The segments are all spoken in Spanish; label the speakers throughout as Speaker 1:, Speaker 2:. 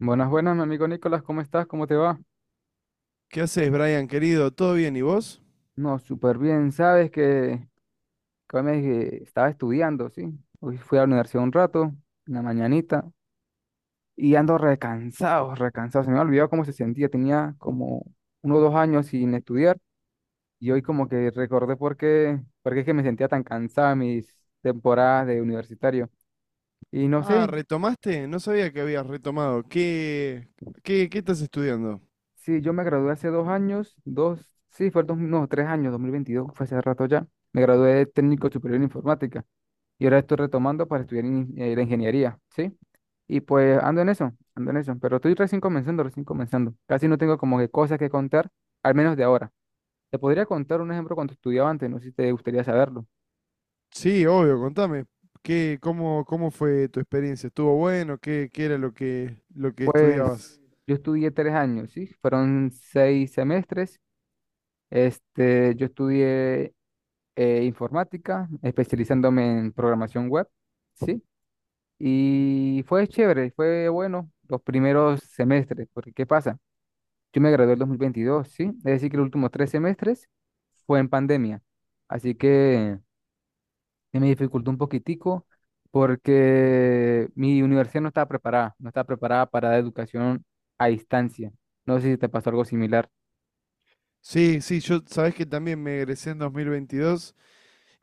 Speaker 1: Buenas, buenas, mi amigo Nicolás, ¿cómo estás? ¿Cómo te va?
Speaker 2: ¿Qué haces, Brian, querido? ¿Todo bien? ¿Y vos?
Speaker 1: No, súper bien, sabes que hoy me estaba estudiando, ¿sí? Hoy fui a la universidad un rato, en la mañanita, y ando recansado, recansado, se me había olvidado cómo se sentía, tenía como uno o dos años sin estudiar, y hoy como que recordé por qué es que me sentía tan cansada en mis temporadas de universitario. Y no
Speaker 2: Ah,
Speaker 1: sé,
Speaker 2: ¿retomaste? No sabía que habías retomado. ¿Qué estás estudiando?
Speaker 1: si yo me gradué hace dos años, dos, sí, fue el dos, no, tres años, 2022, fue hace rato ya, me gradué de técnico superior en informática. Y ahora estoy retomando para estudiar la ingeniería, ¿sí? Y pues ando en eso, ando en eso. Pero estoy recién comenzando, recién comenzando. Casi no tengo como que cosas que contar, al menos de ahora. Te podría contar un ejemplo cuando estudiaba antes, no sé si te gustaría saberlo.
Speaker 2: Sí, obvio, contame. ¿Qué, cómo, cómo fue tu experiencia? ¿Estuvo bueno? ¿Qué era lo que
Speaker 1: Pues
Speaker 2: estudiabas?
Speaker 1: yo estudié tres años, ¿sí? Fueron seis semestres. Yo estudié informática, especializándome en programación web, ¿sí? Y fue chévere, fue bueno los primeros semestres, porque ¿qué pasa? Yo me gradué el 2022, ¿sí? Es decir, que los últimos tres semestres fue en pandemia. Así que se me dificultó un poquitico porque mi universidad no estaba preparada, no estaba preparada para la educación a distancia. No sé si te pasó algo similar.
Speaker 2: Sí, sí, yo sabés que también me egresé en 2022.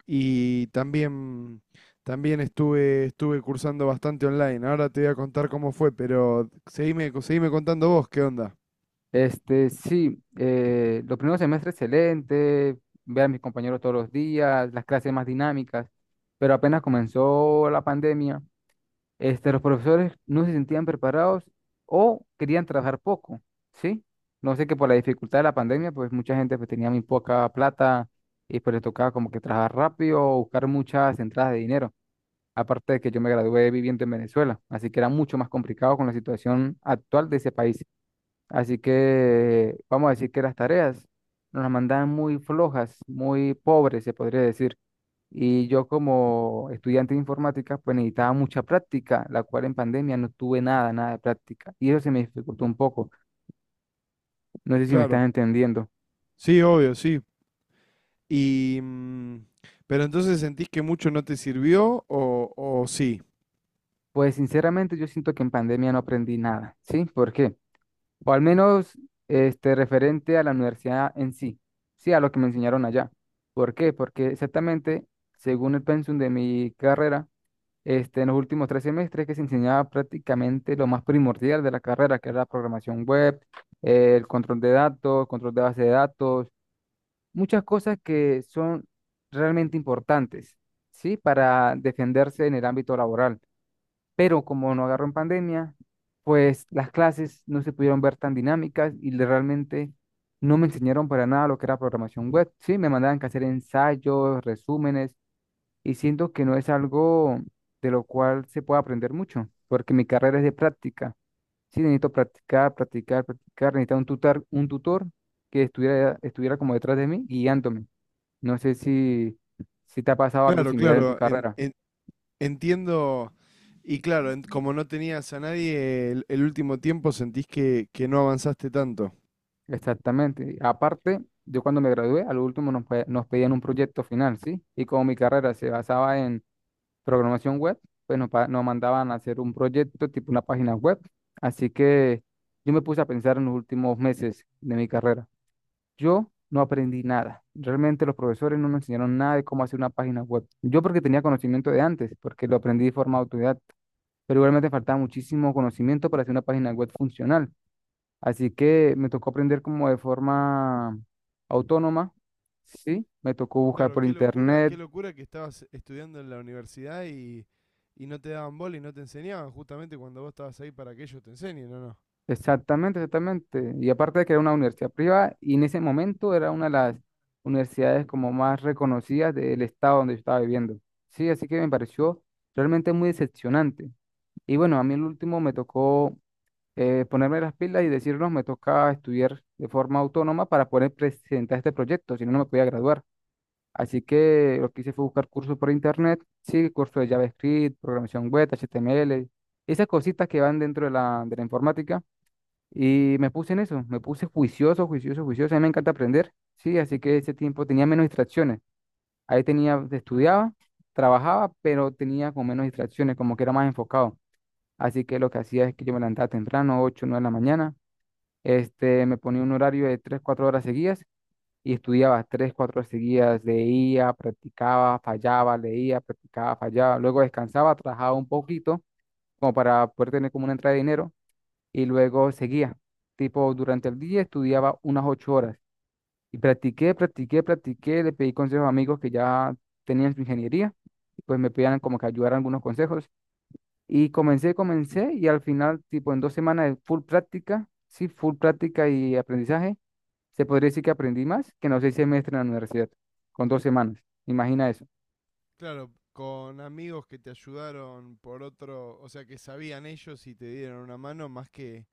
Speaker 2: Y también, también estuve cursando bastante online. Ahora te voy a contar cómo fue, pero seguime contando vos, ¿qué onda?
Speaker 1: Los primeros semestres excelente, ver a mis compañeros todos los días, las clases más dinámicas, pero apenas comenzó la pandemia, los profesores no se sentían preparados o querían trabajar poco, ¿sí? No sé que por la dificultad de la pandemia, pues mucha gente pues, tenía muy poca plata y pues les tocaba como que trabajar rápido o buscar muchas entradas de dinero. Aparte de que yo me gradué viviendo en Venezuela, así que era mucho más complicado con la situación actual de ese país. Así que vamos a decir que las tareas nos las mandaban muy flojas, muy pobres, se podría decir. Y yo como estudiante de informática, pues necesitaba mucha práctica, la cual en pandemia no tuve nada, nada de práctica. Y eso se me dificultó un poco. No sé si me
Speaker 2: Claro.
Speaker 1: estás entendiendo.
Speaker 2: Sí, obvio, sí. Y, pero entonces sentís que mucho no te sirvió o sí.
Speaker 1: Pues sinceramente yo siento que en pandemia no aprendí nada, ¿sí? ¿Por qué? O al menos referente a la universidad en sí, sí, a lo que me enseñaron allá. ¿Por qué? Porque exactamente, según el pensum de mi carrera, en los últimos tres semestres que se enseñaba prácticamente lo más primordial de la carrera, que era la programación web, el control de datos, control de base de datos, muchas cosas que son realmente importantes, ¿sí? Para defenderse en el ámbito laboral. Pero como no agarró en pandemia, pues las clases no se pudieron ver tan dinámicas y realmente no me enseñaron para nada lo que era programación web, ¿sí? Me mandaban que hacer ensayos, resúmenes y siento que no es algo de lo cual se puede aprender mucho, porque mi carrera es de práctica. Sí, necesito practicar, practicar, practicar, necesito un tutor que estuviera como detrás de mí, guiándome. No sé si te ha pasado algo
Speaker 2: Claro,
Speaker 1: similar en tu
Speaker 2: claro.
Speaker 1: carrera.
Speaker 2: Entiendo. Y claro, como no tenías a nadie el último tiempo, sentís que no avanzaste tanto.
Speaker 1: Exactamente. Aparte, yo cuando me gradué, a lo último nos pedían un proyecto final, ¿sí? Y como mi carrera se basaba en programación web, pues nos mandaban a hacer un proyecto tipo una página web. Así que yo me puse a pensar en los últimos meses de mi carrera. Yo no aprendí nada. Realmente los profesores no nos enseñaron nada de cómo hacer una página web. Yo porque tenía conocimiento de antes, porque lo aprendí de forma autodidacta, pero igualmente faltaba muchísimo conocimiento para hacer una página web funcional. Así que me tocó aprender como de forma autónoma, ¿sí? Me tocó buscar
Speaker 2: Claro,
Speaker 1: por internet.
Speaker 2: qué locura que estabas estudiando en la universidad y no te daban bola y no te enseñaban, justamente cuando vos estabas ahí para que ellos te enseñen, ¿o no?
Speaker 1: Exactamente, exactamente. Y aparte de que era una universidad privada, y en ese momento era una de las universidades como más reconocidas del estado donde yo estaba viviendo. Sí, así que me pareció realmente muy decepcionante. Y bueno, a mí el último me tocó ponerme las pilas y decirnos, me toca estudiar de forma autónoma para poder presentar este proyecto, si no, no me podía graduar. Así que lo que hice fue buscar cursos por internet, sí, cursos de JavaScript, programación web, HTML, esas cositas que van dentro de de la informática y me puse en eso, me puse juicioso, juicioso, juicioso. A mí me encanta aprender, sí, así que ese tiempo tenía menos distracciones. Ahí tenía, estudiaba, trabajaba, pero tenía con menos distracciones, como que era más enfocado. Así que lo que hacía es que yo me levantaba temprano, 8 9 de la mañana, me ponía un horario de 3 4 horas seguidas y estudiaba 3 4 horas seguidas, leía, practicaba, fallaba, leía, practicaba, fallaba. Luego descansaba, trabajaba un poquito, como para poder tener como una entrada de dinero y luego seguía. Tipo, durante el día estudiaba unas ocho horas y practiqué, practiqué, practiqué, le pedí consejos a amigos que ya tenían su ingeniería, y pues me pedían como que ayudar algunos consejos y comencé y al final, tipo, en dos semanas de full práctica, sí, full práctica y aprendizaje, se podría decir que aprendí más que en los seis semestres en la universidad, con dos semanas, imagina eso.
Speaker 2: Claro, con amigos que te ayudaron por otro, o sea, que sabían ellos y te dieron una mano más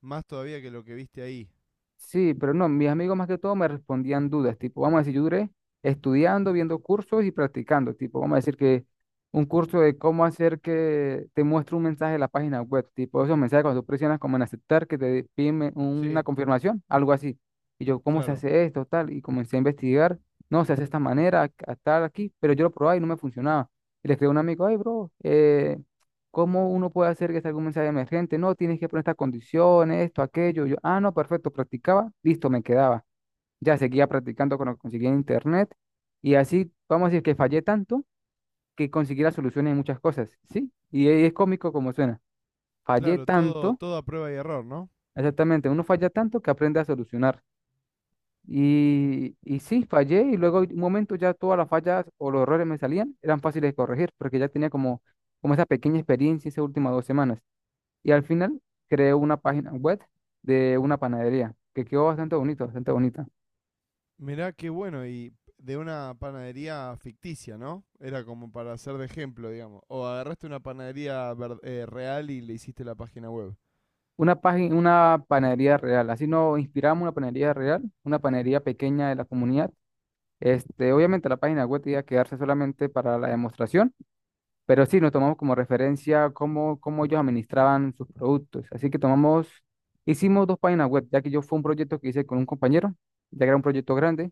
Speaker 2: más todavía que lo que viste ahí.
Speaker 1: Sí, pero no, mis amigos más que todo me respondían dudas, tipo, vamos a decir, yo duré estudiando, viendo cursos y practicando, tipo, vamos a decir que un curso de cómo hacer que te muestre un mensaje en la página web, tipo, esos mensajes cuando tú presionas como en aceptar, que te piden una
Speaker 2: Sí,
Speaker 1: confirmación, algo así. Y yo, ¿cómo se
Speaker 2: claro,
Speaker 1: hace esto, tal? Y comencé a investigar, no, se hace de esta manera, a tal aquí, pero yo lo probaba y no me funcionaba. Y le escribí a un amigo, ay, bro, ¿cómo uno puede hacer que salga un mensaje emergente? No, tienes que poner estas condiciones, esto, aquello. Yo, ah, no, perfecto, practicaba, listo, me quedaba. Ya seguía practicando con lo que conseguía en internet. Y así, vamos a decir que fallé tanto que conseguí las soluciones en muchas cosas, ¿sí? Y es cómico como suena. Fallé
Speaker 2: claro, todo,
Speaker 1: tanto,
Speaker 2: todo a prueba y error, ¿no?
Speaker 1: exactamente, uno falla tanto que aprende a solucionar. Y sí, fallé y luego un momento ya todas las fallas o los errores me salían, eran fáciles de corregir porque ya tenía como esa pequeña experiencia esas últimas dos semanas. Y al final creé una página web de una panadería, que quedó bastante bonito, bastante bonita.
Speaker 2: Mirá qué bueno, y de una panadería ficticia, ¿no? Era como para hacer de ejemplo, digamos. O agarraste una real y le hiciste la página web.
Speaker 1: Una página, una panadería real. Así nos inspiramos una panadería real, una panadería pequeña de la comunidad. Obviamente la página web iba a quedarse solamente para la demostración, pero sí nos tomamos como referencia cómo, cómo ellos administraban sus productos. Así que tomamos, hicimos dos páginas web, ya que yo fue un proyecto que hice con un compañero, ya que era un proyecto grande,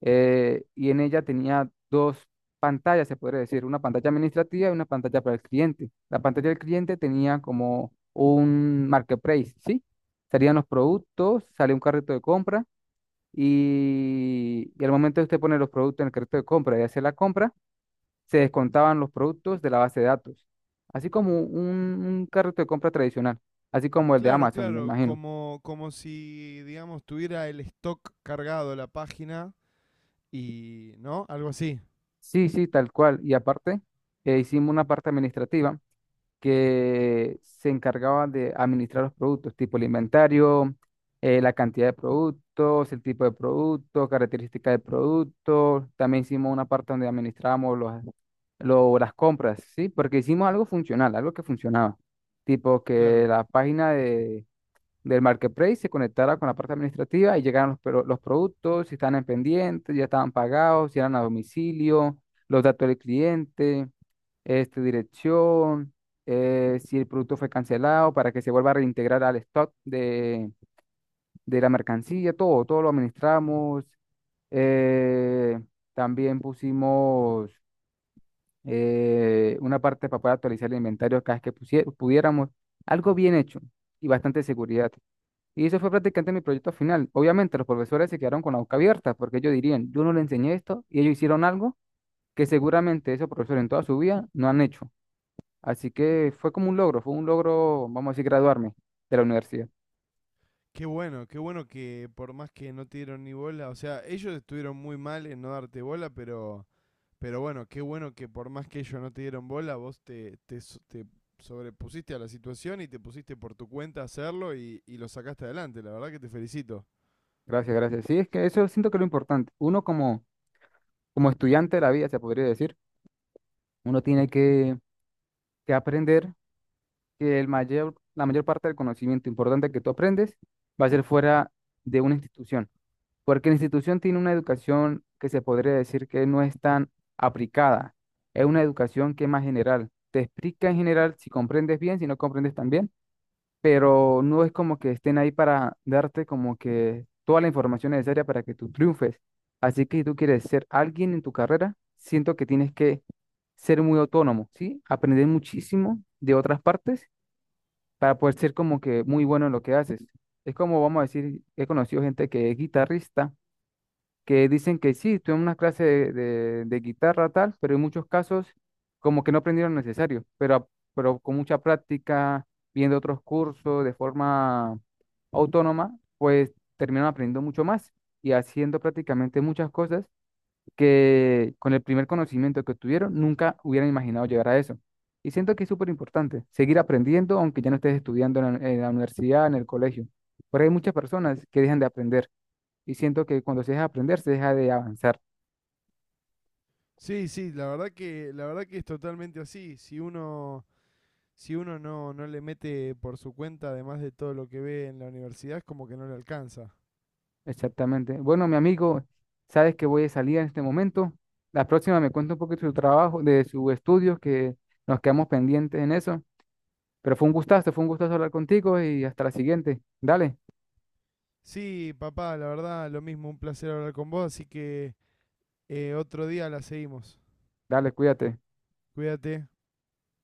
Speaker 1: y en ella tenía dos pantallas, se podría decir, una pantalla administrativa y una pantalla para el cliente. La pantalla del cliente tenía como un marketplace, ¿sí? Salían los productos, sale un carrito de compra y al momento de usted poner los productos en el carrito de compra y hacer la compra, se descontaban los productos de la base de datos, así como un carrito de compra tradicional, así como el de
Speaker 2: Claro,
Speaker 1: Amazon, me
Speaker 2: claro,
Speaker 1: imagino.
Speaker 2: como, como si, digamos, tuviera el stock cargado la página y, ¿no? Algo así,
Speaker 1: Sí, sí, tal cual. Y aparte, hicimos una parte administrativa que se encargaban de administrar los productos, tipo el inventario, la cantidad de productos, el tipo de productos, características de productos. También hicimos una parte donde administrábamos las compras, ¿sí? Porque hicimos algo funcional, algo que funcionaba. Tipo que
Speaker 2: claro.
Speaker 1: la página del marketplace se conectara con la parte administrativa y llegaran los productos, si estaban en pendientes, ya estaban pagados, si eran a domicilio, los datos del cliente dirección, si el producto fue cancelado, para que se vuelva a reintegrar al stock de la mercancía, todo, todo lo administramos. Eh, también pusimos una parte para poder actualizar el inventario cada vez que pudiéramos. Algo bien hecho y bastante seguridad. Y eso fue prácticamente mi proyecto final. Obviamente los profesores se quedaron con la boca abierta porque ellos dirían, yo no le enseñé esto y ellos hicieron algo que seguramente esos profesores en toda su vida no han hecho. Así que fue como un logro, fue un logro, vamos a decir, graduarme de la universidad.
Speaker 2: Qué bueno que por más que no te dieron ni bola, o sea, ellos estuvieron muy mal en no darte bola, pero bueno, qué bueno que por más que ellos no te dieron bola, vos te, te, so- te sobrepusiste a la situación y te pusiste por tu cuenta a hacerlo y lo sacaste adelante. La verdad que te felicito.
Speaker 1: Gracias, gracias. Sí, es que eso siento que es lo importante. Uno como, como estudiante de la vida, se podría decir, uno tiene que aprender que el mayor, la mayor parte del conocimiento importante que tú aprendes va a ser fuera de una institución, porque la institución tiene una educación que se podría decir que no es tan aplicada, es una educación que es más general. Te explica en general si comprendes bien, si no comprendes también pero no es como que estén ahí para darte como que toda la información necesaria para que tú triunfes. Así que si tú quieres ser alguien en tu carrera, siento que tienes que ser muy autónomo, ¿sí? Aprender muchísimo de otras partes para poder ser como que muy bueno en lo que haces. Es como, vamos a decir, he conocido gente que es guitarrista que dicen que sí, tuve una clase de guitarra tal, pero en muchos casos como que no aprendieron lo necesario, pero con mucha práctica, viendo otros cursos de forma autónoma, pues terminaron aprendiendo mucho más y haciendo prácticamente muchas cosas que con el primer conocimiento que obtuvieron nunca hubieran imaginado llegar a eso. Y siento que es súper importante seguir aprendiendo, aunque ya no estés estudiando en en la universidad, en el colegio. Pero hay muchas personas que dejan de aprender y siento que cuando se deja de aprender, se deja de avanzar.
Speaker 2: Sí, sí, la verdad que es totalmente así. Si uno no le mete por su cuenta, además de todo lo que ve en la universidad, es como que no le alcanza.
Speaker 1: Exactamente. Bueno, mi amigo, sabes que voy de salida en este momento. La próxima me cuenta un poquito de su trabajo, de su estudio que nos quedamos pendientes en eso. Pero fue un gustazo hablar contigo y hasta la siguiente. Dale,
Speaker 2: Sí, papá, la verdad, lo mismo, un placer hablar con vos, así que otro día la seguimos.
Speaker 1: dale, cuídate.
Speaker 2: Cuídate.